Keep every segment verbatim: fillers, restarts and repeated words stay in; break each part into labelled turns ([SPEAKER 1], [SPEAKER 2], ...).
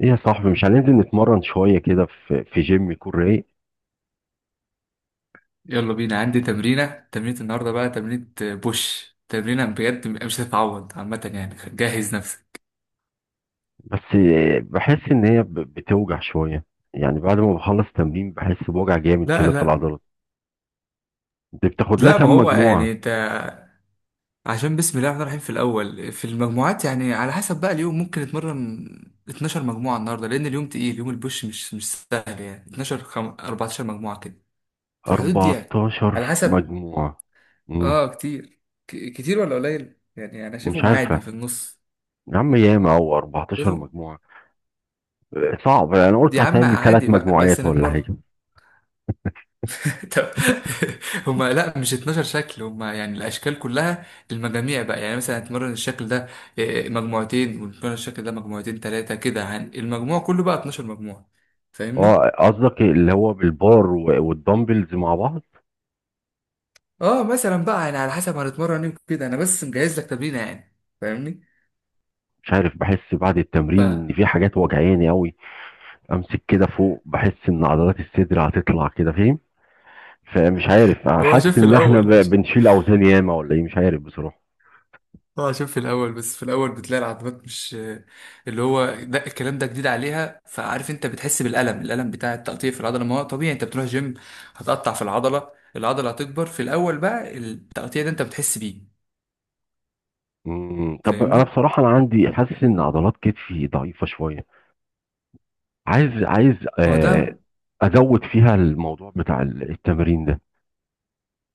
[SPEAKER 1] ايه يا صاحبي، مش هننزل نتمرن شوية كده في في جيم يكون رايق؟
[SPEAKER 2] يلا بينا، عندي تمرينة تمرينة النهاردة، بقى تمرينة بوش، تمرينة بجد مش هتتعوض عامة، يعني جهز نفسك.
[SPEAKER 1] بس بحس ان هي ب- بتوجع شوية. يعني بعد ما بخلص تمرين بحس بوجع جامد
[SPEAKER 2] لا
[SPEAKER 1] كده في
[SPEAKER 2] لا
[SPEAKER 1] العضلات. انت بتاخد لها
[SPEAKER 2] لا، ما
[SPEAKER 1] كام
[SPEAKER 2] هو يعني
[SPEAKER 1] مجموعة؟
[SPEAKER 2] انت، عشان بسم الله الرحمن الرحيم، في الأول في المجموعات يعني على حسب بقى اليوم ممكن اتمرن اتناشر مجموعة النهاردة، لأن اليوم تقيل، يوم البوش مش مش سهل يعني. اتناشر خم... اربعتاشر مجموعة كده، في الحدود دي يعني،
[SPEAKER 1] اربعتاشر
[SPEAKER 2] على حسب.
[SPEAKER 1] مجموعة؟ مم.
[SPEAKER 2] اه كتير، ك... كتير ولا قليل؟ يعني أنا
[SPEAKER 1] مش
[SPEAKER 2] شايفهم عادي، في
[SPEAKER 1] عارفة،
[SPEAKER 2] النص
[SPEAKER 1] يا عم ياما او اربعة عشر
[SPEAKER 2] شايفهم.
[SPEAKER 1] مجموعة. آه، صعب. انا
[SPEAKER 2] دي
[SPEAKER 1] قلت
[SPEAKER 2] يا عم
[SPEAKER 1] هتعمل ثلاث
[SPEAKER 2] عادي بقى، بس
[SPEAKER 1] مجموعات ولا
[SPEAKER 2] نتمرن.
[SPEAKER 1] حاجة.
[SPEAKER 2] طب هما لا، مش اتناشر شكل، هما يعني الاشكال كلها، المجاميع بقى، يعني مثلا هتمرن الشكل ده آه، مجموعتين، وتمرن الشكل ده مجموعتين، ثلاثه كده، هن- المجموع كله بقى اتناشر مجموعه. فاهمني؟
[SPEAKER 1] اه، قصدك اللي هو بالبار و- والدمبلز مع بعض؟
[SPEAKER 2] اه مثلا بقى يعني على حسب هنتمرن ايه كده، انا بس مجهز لك تمرينه يعني. فاهمني؟
[SPEAKER 1] مش عارف، بحس بعد
[SPEAKER 2] ف
[SPEAKER 1] التمرين ان في حاجات وجعاني قوي. امسك كده فوق، بحس ان عضلات الصدر هتطلع كده، فاهم؟ فمش عارف،
[SPEAKER 2] هو
[SPEAKER 1] حاسس
[SPEAKER 2] شوف في
[SPEAKER 1] ان احنا
[SPEAKER 2] الاول،
[SPEAKER 1] ب- بنشيل اوزان ياما ولا ايه، مش عارف بصراحه.
[SPEAKER 2] اه عشان في الاول، بس في الاول بتلاقي العضلات مش، اللي هو ده، الكلام ده جديد عليها، فعارف انت بتحس بالالم، الالم بتاع التقطيع في العضله، ما هو طبيعي، انت بتروح جيم هتقطع في العضله، العضله هتكبر، في الاول بقى التقطيع ده انت بتحس بيه.
[SPEAKER 1] مم. طب انا
[SPEAKER 2] فاهمني؟
[SPEAKER 1] بصراحه، انا عندي حاسس ان عضلات كتفي ضعيفه شويه. عايز عايز
[SPEAKER 2] ما هو
[SPEAKER 1] آه
[SPEAKER 2] ده،
[SPEAKER 1] ازود فيها الموضوع بتاع ال- التمرين ده.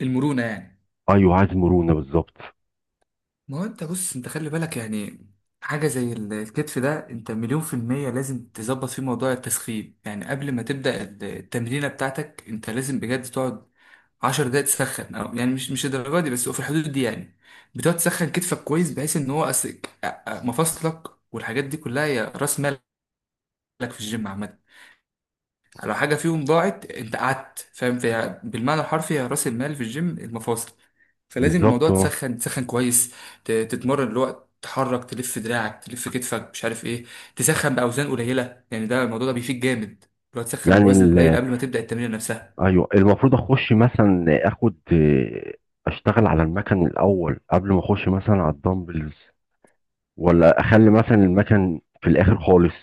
[SPEAKER 2] المرونه يعني.
[SPEAKER 1] ايوه، عايز مرونه بالظبط.
[SPEAKER 2] ما هو انت بص، انت خلي بالك يعني، حاجه زي ال- الكتف ده، انت مليون في الميه لازم تظبط فيه موضوع التسخين، يعني قبل ما تبدا التمرينه بتاعتك، انت لازم بجد تقعد عشر دقايق تسخن، أو يعني مش مش الدرجه دي، بس هو في الحدود دي يعني، بتقعد تسخن كتفك كويس، بحيث ان هو أس- مفاصلك والحاجات دي كلها، هي راس مالك في الجيم عامه، لو حاجه فيهم ضاعت انت قعدت، فاهم فيها؟ بالمعنى الحرفي، هي راس المال في الجيم المفاصل. فلازم
[SPEAKER 1] بالظبط
[SPEAKER 2] الموضوع
[SPEAKER 1] اه.
[SPEAKER 2] تسخن تسخن كويس، ت- تتمرن الوقت، تحرك، تلف دراعك، تلف كتفك، مش عارف ايه، تسخن باوزان قليله يعني، ده الموضوع ده بيفيد جامد، لو تسخن
[SPEAKER 1] يعني
[SPEAKER 2] بوزن قليل
[SPEAKER 1] ال-
[SPEAKER 2] قبل ما تبدا التمرين نفسها.
[SPEAKER 1] ايوه، المفروض اخش مثلا اخد، آه، اشتغل على المكن الاول قبل ما اخش مثلا على الدمبلز، ولا اخلي مثلا المكن في الاخر خالص؟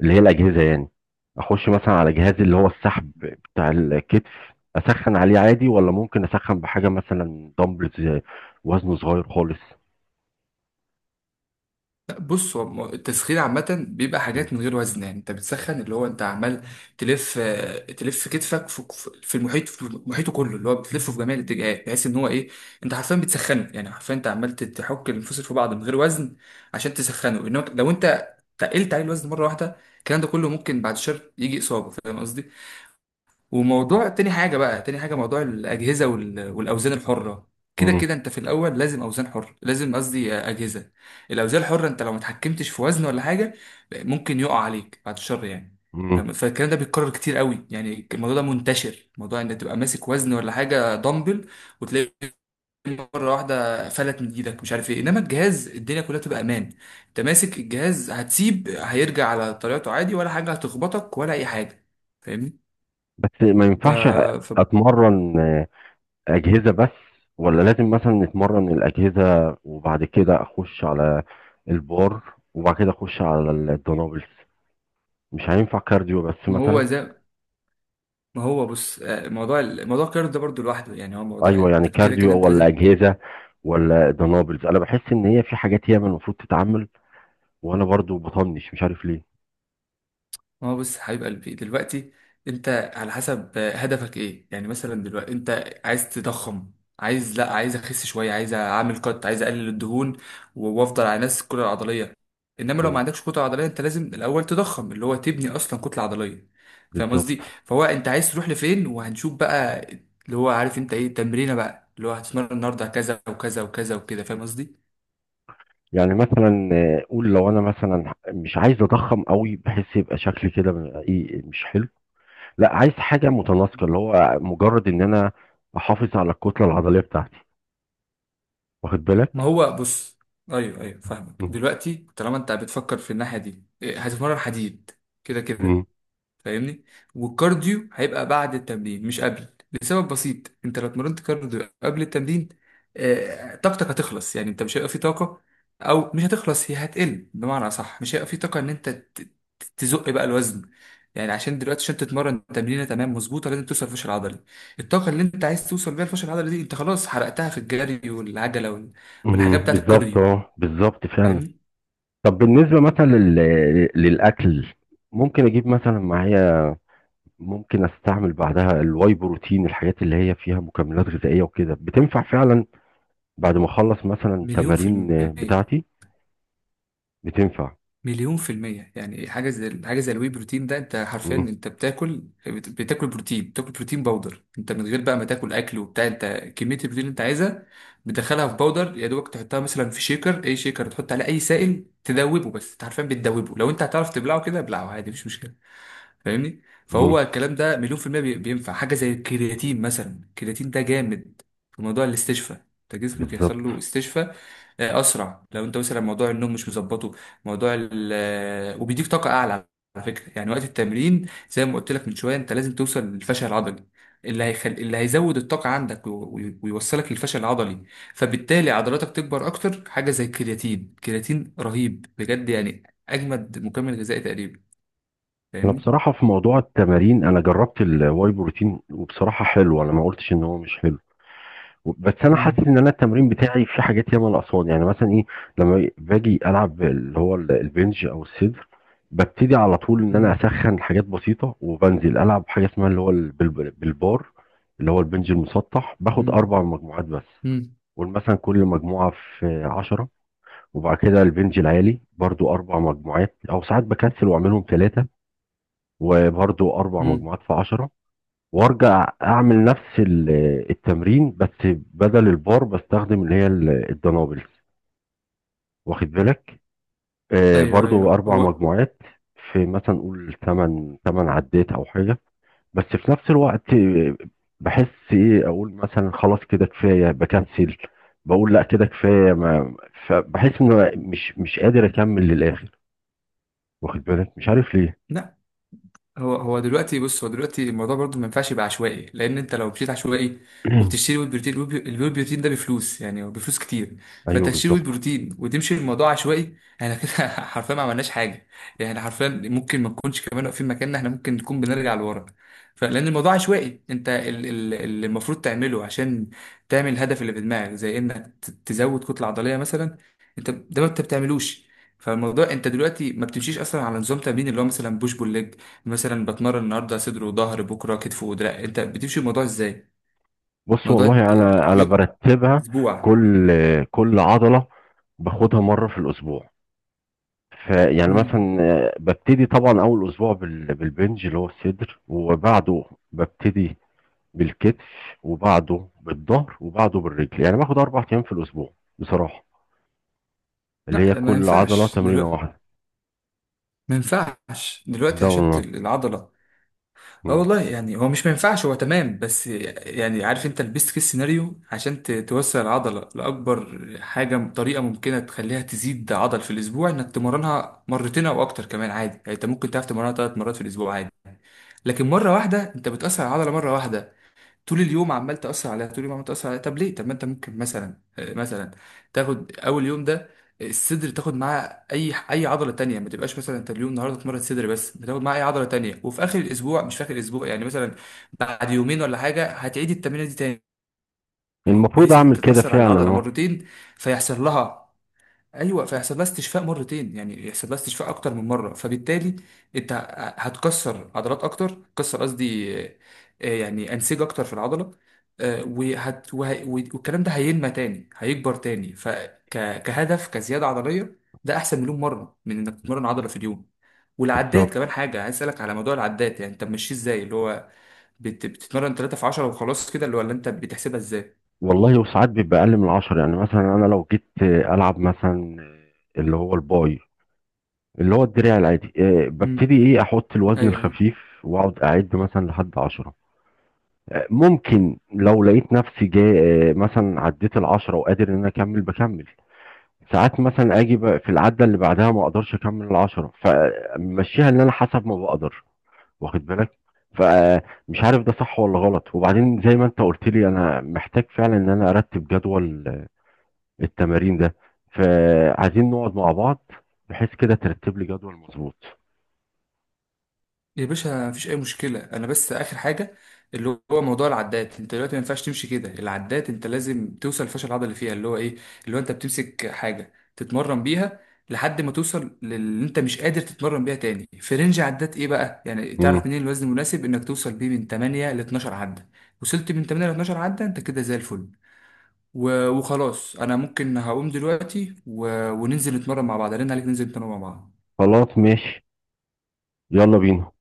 [SPEAKER 1] اللي هي الاجهزه يعني. اخش مثلا على جهاز اللي هو السحب بتاع الكتف، اسخن عليه عادي، ولا ممكن اسخن بحاجه مثلا دمبلز وزنه صغير خالص؟
[SPEAKER 2] لا، بص هو م- التسخين عامة بيبقى
[SPEAKER 1] مم.
[SPEAKER 2] حاجات من غير وزن، يعني انت بتسخن، اللي هو انت عمال تلف آه، تلف كتفك في في المحيط، في محيطه كله، اللي هو بتلفه في جميع الاتجاهات، بحيث ان هو ايه، انت حرفيا بتسخنه، يعني حرفيا انت عمال تت- تحك الانفصل في بعض من غير وزن عشان تسخنه. انما لو انت تقلت عليه الوزن مرة واحدة، الكلام ده كله ممكن بعد شهر يجي إصابة. فاهم قصدي؟ وموضوع تاني حاجة بقى، تاني حاجة موضوع الأجهزة وال- والأوزان الحرة. كده
[SPEAKER 1] مم.
[SPEAKER 2] كده أنت في الأول لازم أوزان حرة، لازم قصدي أجهزة. الأوزان الحرة أنت لو ما اتحكمتش في وزن ولا حاجة، ممكن يقع عليك بعد الشر يعني.
[SPEAKER 1] مم.
[SPEAKER 2] فاهم؟ فالكلام ده بيتكرر كتير قوي، يعني الموضوع ده منتشر، موضوع ان تبقى ماسك وزن ولا حاجه، دمبل، وتلاقي مره واحده فلت من ايدك، مش عارف ايه. انما الجهاز الدنيا كلها تبقى امان، انت ماسك الجهاز هتسيب، هيرجع على طريقته عادي ولا حاجه، هتخبطك ولا اي حاجه؟ فاهمني؟
[SPEAKER 1] بس ما ينفعش
[SPEAKER 2] ف...
[SPEAKER 1] اتمرن، آه، اجهزه بس؟ ولا لازم مثلا اتمرن الاجهزه وبعد كده اخش على البار، وبعد كده اخش على الدنابلز؟ مش هينفع كارديو بس
[SPEAKER 2] ما هو
[SPEAKER 1] مثلا؟
[SPEAKER 2] زي ما هو بص، آه، موضوع ال- موضوع القرار ده برضو لوحده، يعني هو موضوع،
[SPEAKER 1] ايوه، يعني
[SPEAKER 2] انت كده كده
[SPEAKER 1] كارديو
[SPEAKER 2] انت
[SPEAKER 1] ولا
[SPEAKER 2] لازم.
[SPEAKER 1] اجهزه ولا دنابلز؟ انا بحس ان هي في حاجات هي من المفروض تتعمل وانا برضو بطنش، مش عارف ليه.
[SPEAKER 2] ما هو بص حبيب قلبي دلوقتي، انت على حسب آه، هدفك ايه، يعني مثلا دلوقتي انت عايز تضخم، عايز لا عايز اخس شويه، عايز اعمل كات، عايز اقلل الدهون و- وافضل على نفس الكتله العضليه. انما لو ما
[SPEAKER 1] امم
[SPEAKER 2] عندكش كتله عضليه، انت لازم الاول تضخم، اللي هو تبني اصلا كتله عضليه. فاهم
[SPEAKER 1] بالظبط.
[SPEAKER 2] قصدي؟ فهو انت عايز تروح لفين؟ وهنشوف بقى اللي هو، عارف انت ايه تمرينه بقى اللي هو هتتمرن النهارده، كذا وكذا وكذا وكده. فاهم قصدي؟
[SPEAKER 1] يعني مثلا، آه، قول لو انا مثلا مش عايز اضخم قوي بحس يبقى شكلي كده م- ايه مش حلو. لا، عايز حاجه متناسقه، اللي هو مجرد ان انا احافظ على الكتله العضليه بتاعتي، واخد
[SPEAKER 2] ما
[SPEAKER 1] بالك؟
[SPEAKER 2] هو بص، ايوه ايوه، فاهمك
[SPEAKER 1] مم.
[SPEAKER 2] دلوقتي. طالما انت بتفكر في الناحيه دي إيه، هتتمرن حديد، كده كده.
[SPEAKER 1] مم.
[SPEAKER 2] فاهمني؟ والكارديو هيبقى بعد التمرين مش قبل، لسبب بسيط، انت لو اتمرنت كارديو قبل التمرين آه، طاقتك هتخلص، يعني انت مش هيبقى في طاقة، او مش هتخلص، هي هتقل بمعنى صح، مش هيبقى في طاقة ان انت ت- تزق بقى الوزن، يعني عشان دلوقتي عشان تتمرن تمرينه تمام مظبوطه، لازم توصل الفشل العضلي. الطاقه اللي انت عايز توصل بيها الفشل العضلي دي، انت خلاص حرقتها في الجري والعجله وال- والحاجات
[SPEAKER 1] مم.
[SPEAKER 2] بتاعت
[SPEAKER 1] بالظبط
[SPEAKER 2] الكارديو.
[SPEAKER 1] اه، بالظبط فعلا.
[SPEAKER 2] فاهمني؟
[SPEAKER 1] طب بالنسبه مثلا لل... للاكل، ممكن اجيب مثلا معايا؟ ممكن استعمل بعدها الواي بروتين، الحاجات اللي هي فيها مكملات غذائية وكده بتنفع فعلا بعد ما اخلص مثلا
[SPEAKER 2] مليون في
[SPEAKER 1] تمارين آه،
[SPEAKER 2] المية.
[SPEAKER 1] بتاعتي؟ بتنفع؟
[SPEAKER 2] مليون في المية، يعني حاجة زي، حاجة زي الواي بروتين ده، انت حرفيا
[SPEAKER 1] مم.
[SPEAKER 2] انت بتاكل، بت- بتاكل بروتين، بتاكل بروتين باودر، انت من غير بقى ما تاكل اكل وبتاع، انت كمية البروتين اللي انت عايزها بتدخلها في باودر، يا دوبك تحطها مثلا في شيكر، اي شيكر، تحط عليه اي سائل تدوبه، بس انت حرفيا بتدوبه، لو انت هتعرف تبلعه كده ابلعه عادي، مش مشكلة. فاهمني؟
[SPEAKER 1] مم.
[SPEAKER 2] فهو الكلام ده مليون في المية بي- بينفع. حاجة زي الكرياتين مثلا، الكرياتين ده جامد في موضوع الاستشفاء، انت جسمك يحصل
[SPEAKER 1] بالظبط.
[SPEAKER 2] له استشفاء آه، اسرع. لو انت مثلا موضوع النوم مش مظبطه، موضوع ال آه، وبيديك طاقه اعلى، على فكره يعني. وقت التمرين، زي ما قلت لك من شويه، انت لازم توصل للفشل العضلي. اللي هيخل... اللي هيزود الطاقه عندك وي- وي- ويوصلك للفشل العضلي، فبالتالي عضلاتك تكبر اكتر. حاجه زي الكرياتين، الكرياتين رهيب بجد يعني، اجمد مكمل غذائي تقريبا.
[SPEAKER 1] انا
[SPEAKER 2] فاهمني؟
[SPEAKER 1] بصراحة في موضوع التمارين، انا جربت الواي بروتين وبصراحة حلو، انا ما قلتش ان هو مش حلو. بس انا حاسس
[SPEAKER 2] مم.
[SPEAKER 1] ان انا التمرين بتاعي في حاجات ياما ناقصاني، يعني مثلا ايه. لما باجي العب اللي هو ال- البنج او الصدر، ببتدي على طول ان انا
[SPEAKER 2] مم.
[SPEAKER 1] اسخن حاجات بسيطه، وبنزل العب حاجه اسمها اللي هو ال- بال- بالبار، اللي هو البنج المسطح، باخد
[SPEAKER 2] مم.
[SPEAKER 1] اربع مجموعات بس.
[SPEAKER 2] مم.
[SPEAKER 1] قول مثلا كل مجموعه في عشرة، وبعد كده البنج العالي برضو اربع مجموعات، او ساعات بكسل واعملهم ثلاثه، وبرضو اربع
[SPEAKER 2] مم.
[SPEAKER 1] مجموعات في عشرة. وارجع اعمل نفس ال- التمرين، بس بدل البار بستخدم اللي هي ال- الدنابلز، واخد بالك. آه،
[SPEAKER 2] ايوه
[SPEAKER 1] برضو
[SPEAKER 2] ايوه،
[SPEAKER 1] اربع
[SPEAKER 2] هو
[SPEAKER 1] مجموعات في مثلا نقول ثمان ثمان عدات او حاجه. بس في نفس الوقت، آه، بحس ايه اقول مثلا خلاص كده كفايه، بكنسل. بقول لا كده كفايه ما. فبحس ان أنا مش مش قادر اكمل للاخر، واخد بالك، مش عارف ليه.
[SPEAKER 2] لا، هو هو دلوقتي بص، هو دلوقتي الموضوع برضو ما ينفعش يبقى عشوائي، لان انت لو مشيت عشوائي وبتشتري ويل بروتين، الويل بي- الويل بروتين ده بفلوس، يعني هو بفلوس كتير. فانت
[SPEAKER 1] ايوه،
[SPEAKER 2] تشتري ويل
[SPEAKER 1] بالظبط.
[SPEAKER 2] بروتين وتمشي الموضوع عشوائي، احنا كده حرفيا ما عملناش حاجه، يعني إحنا حرفيا ممكن ما نكونش كمان واقفين مكاننا، احنا ممكن نكون بنرجع لورا. فلان الموضوع عشوائي، انت ال- ال- اللي المفروض تعمله عشان تعمل الهدف اللي في دماغك، زي انك ت- تزود كتله عضليه مثلا، انت ده ما انت بتعملوش. فالموضوع، انت دلوقتي ما بتمشيش اصلا على نظام تمرين، اللي هو مثلا بوش بول ليج. مثلا بتمرن النهارده صدر وظهر، بكره كتف ودراع. انت بتمشي الموضوع ازاي؟
[SPEAKER 1] بص
[SPEAKER 2] موضوع ت-
[SPEAKER 1] والله، انا انا
[SPEAKER 2] يو-
[SPEAKER 1] برتبها.
[SPEAKER 2] اسبوع؟
[SPEAKER 1] كل كل عضله باخدها مره في الاسبوع. فيعني
[SPEAKER 2] مم.
[SPEAKER 1] مثلا، آه، ببتدي طبعا اول اسبوع بال- بالبنج اللي هو الصدر، وبعده ببتدي بالكتف، وبعده بالظهر، وبعده بالرجل، يعني باخد اربع ايام في الاسبوع بصراحه، اللي هي
[SPEAKER 2] لا ما
[SPEAKER 1] كل عضله
[SPEAKER 2] ينفعش
[SPEAKER 1] تمرينه
[SPEAKER 2] دلوقتي،
[SPEAKER 1] واحده.
[SPEAKER 2] ما ينفعش دلوقتي،
[SPEAKER 1] ده
[SPEAKER 2] عشان ت-
[SPEAKER 1] والله.
[SPEAKER 2] العضله، اه
[SPEAKER 1] مم.
[SPEAKER 2] والله، يعني هو مش ما ينفعش، هو تمام، بس يعني عارف انت البيست كيس سيناريو عشان ت- توسع العضله لاكبر حاجه، طريقه ممكنه تخليها تزيد عضل في الاسبوع، انك تمرنها مرتين او اكتر كمان عادي، يعني انت ممكن تعرف تمرنها ثلاث مرات في الاسبوع عادي. لكن مره واحده انت بتاثر على العضله مره واحده، طول اليوم عمال تأثر عليها، طول اليوم عمال تأثر عليها، طب ليه؟ طب ما انت ممكن مثلا آه، مثلا تاخد اول يوم ده الصدر، تاخد معاه اي اي عضله تانية، ما تبقاش مثلا انت اليوم النهارده اتمرن صدر بس، بتاخد معاه اي عضله تانية، وفي اخر الاسبوع، مش في اخر الاسبوع يعني، مثلا بعد يومين ولا حاجه هتعيد التمرينه دي تاني،
[SPEAKER 1] المفروض
[SPEAKER 2] بحيث ان
[SPEAKER 1] اعمل
[SPEAKER 2] انت
[SPEAKER 1] كده
[SPEAKER 2] تاثر على
[SPEAKER 1] فعلا،
[SPEAKER 2] العضله
[SPEAKER 1] اه.
[SPEAKER 2] مرتين، فيحصل لها، ايوه فيحصل لها استشفاء مرتين، يعني يحصل لها استشفاء اكتر من مره. فبالتالي انت ه- هتكسر عضلات اكتر، تكسر قصدي آه، آه، يعني انسجه اكتر في العضله، آه، وهت وه- والكلام ده هينمى تاني، هيكبر تاني، فكهدف كزياده عضليه ده احسن مليون مره من انك تتمرن عضله في اليوم. والعدات كمان
[SPEAKER 1] بالظبط
[SPEAKER 2] حاجه عايز اسالك على موضوع العدات، يعني انت ماشي ازاي اللي هو؟ بت- بتتمرن تلاتة في عشر وخلاص كده؟ اللي هو اللي انت بتحسبها ازاي؟
[SPEAKER 1] والله، وساعات بيبقى اقل من عشرة. يعني مثلا انا لو جيت، آه، العب مثلا، آه، اللي هو الباي، اللي هو الدراع العادي، آه،
[SPEAKER 2] مم.
[SPEAKER 1] ببتدي، ايه، احط الوزن
[SPEAKER 2] ايوه.
[SPEAKER 1] الخفيف، واقعد اعد مثلا لحد عشرة. آه، ممكن لو لقيت نفسي جاي، آه، مثلا عديت العشرة وقادر ان انا اكمل، بكمل. ساعات مثلا اجي بقى في العدة اللي بعدها ما اقدرش اكمل العشرة، فمشيها ان انا حسب ما بقدر، واخد بالك. فمش عارف ده صح ولا غلط، وبعدين زي ما انت قلت لي، انا محتاج فعلا ان انا ارتب جدول التمارين ده، فعايزين نقعد مع بعض، بحيث كده ترتب لي جدول مظبوط.
[SPEAKER 2] يا باشا مفيش اي مشكله، انا بس اخر حاجه اللي هو موضوع العدات، انت دلوقتي ما ينفعش تمشي كده العدات، انت لازم توصل الفشل العضلي اللي فيها، اللي هو ايه، اللي هو انت بتمسك حاجه تتمرن بيها لحد ما توصل للي انت مش قادر تتمرن بيها تاني، في رينج عدات ايه بقى؟ يعني
[SPEAKER 1] مم.
[SPEAKER 2] تعرف منين الوزن المناسب؟ انك توصل بيه من تمانية ل اتناشر عده، وصلت من تمانية ل اتناشر عده انت كده زي الفل. و- وخلاص، انا ممكن هقوم دلوقتي و... وننزل نتمرن مع بعض، رن عليك، ننزل نتمرن مع بعض.
[SPEAKER 1] خلاص، ماشي. يلا بينا.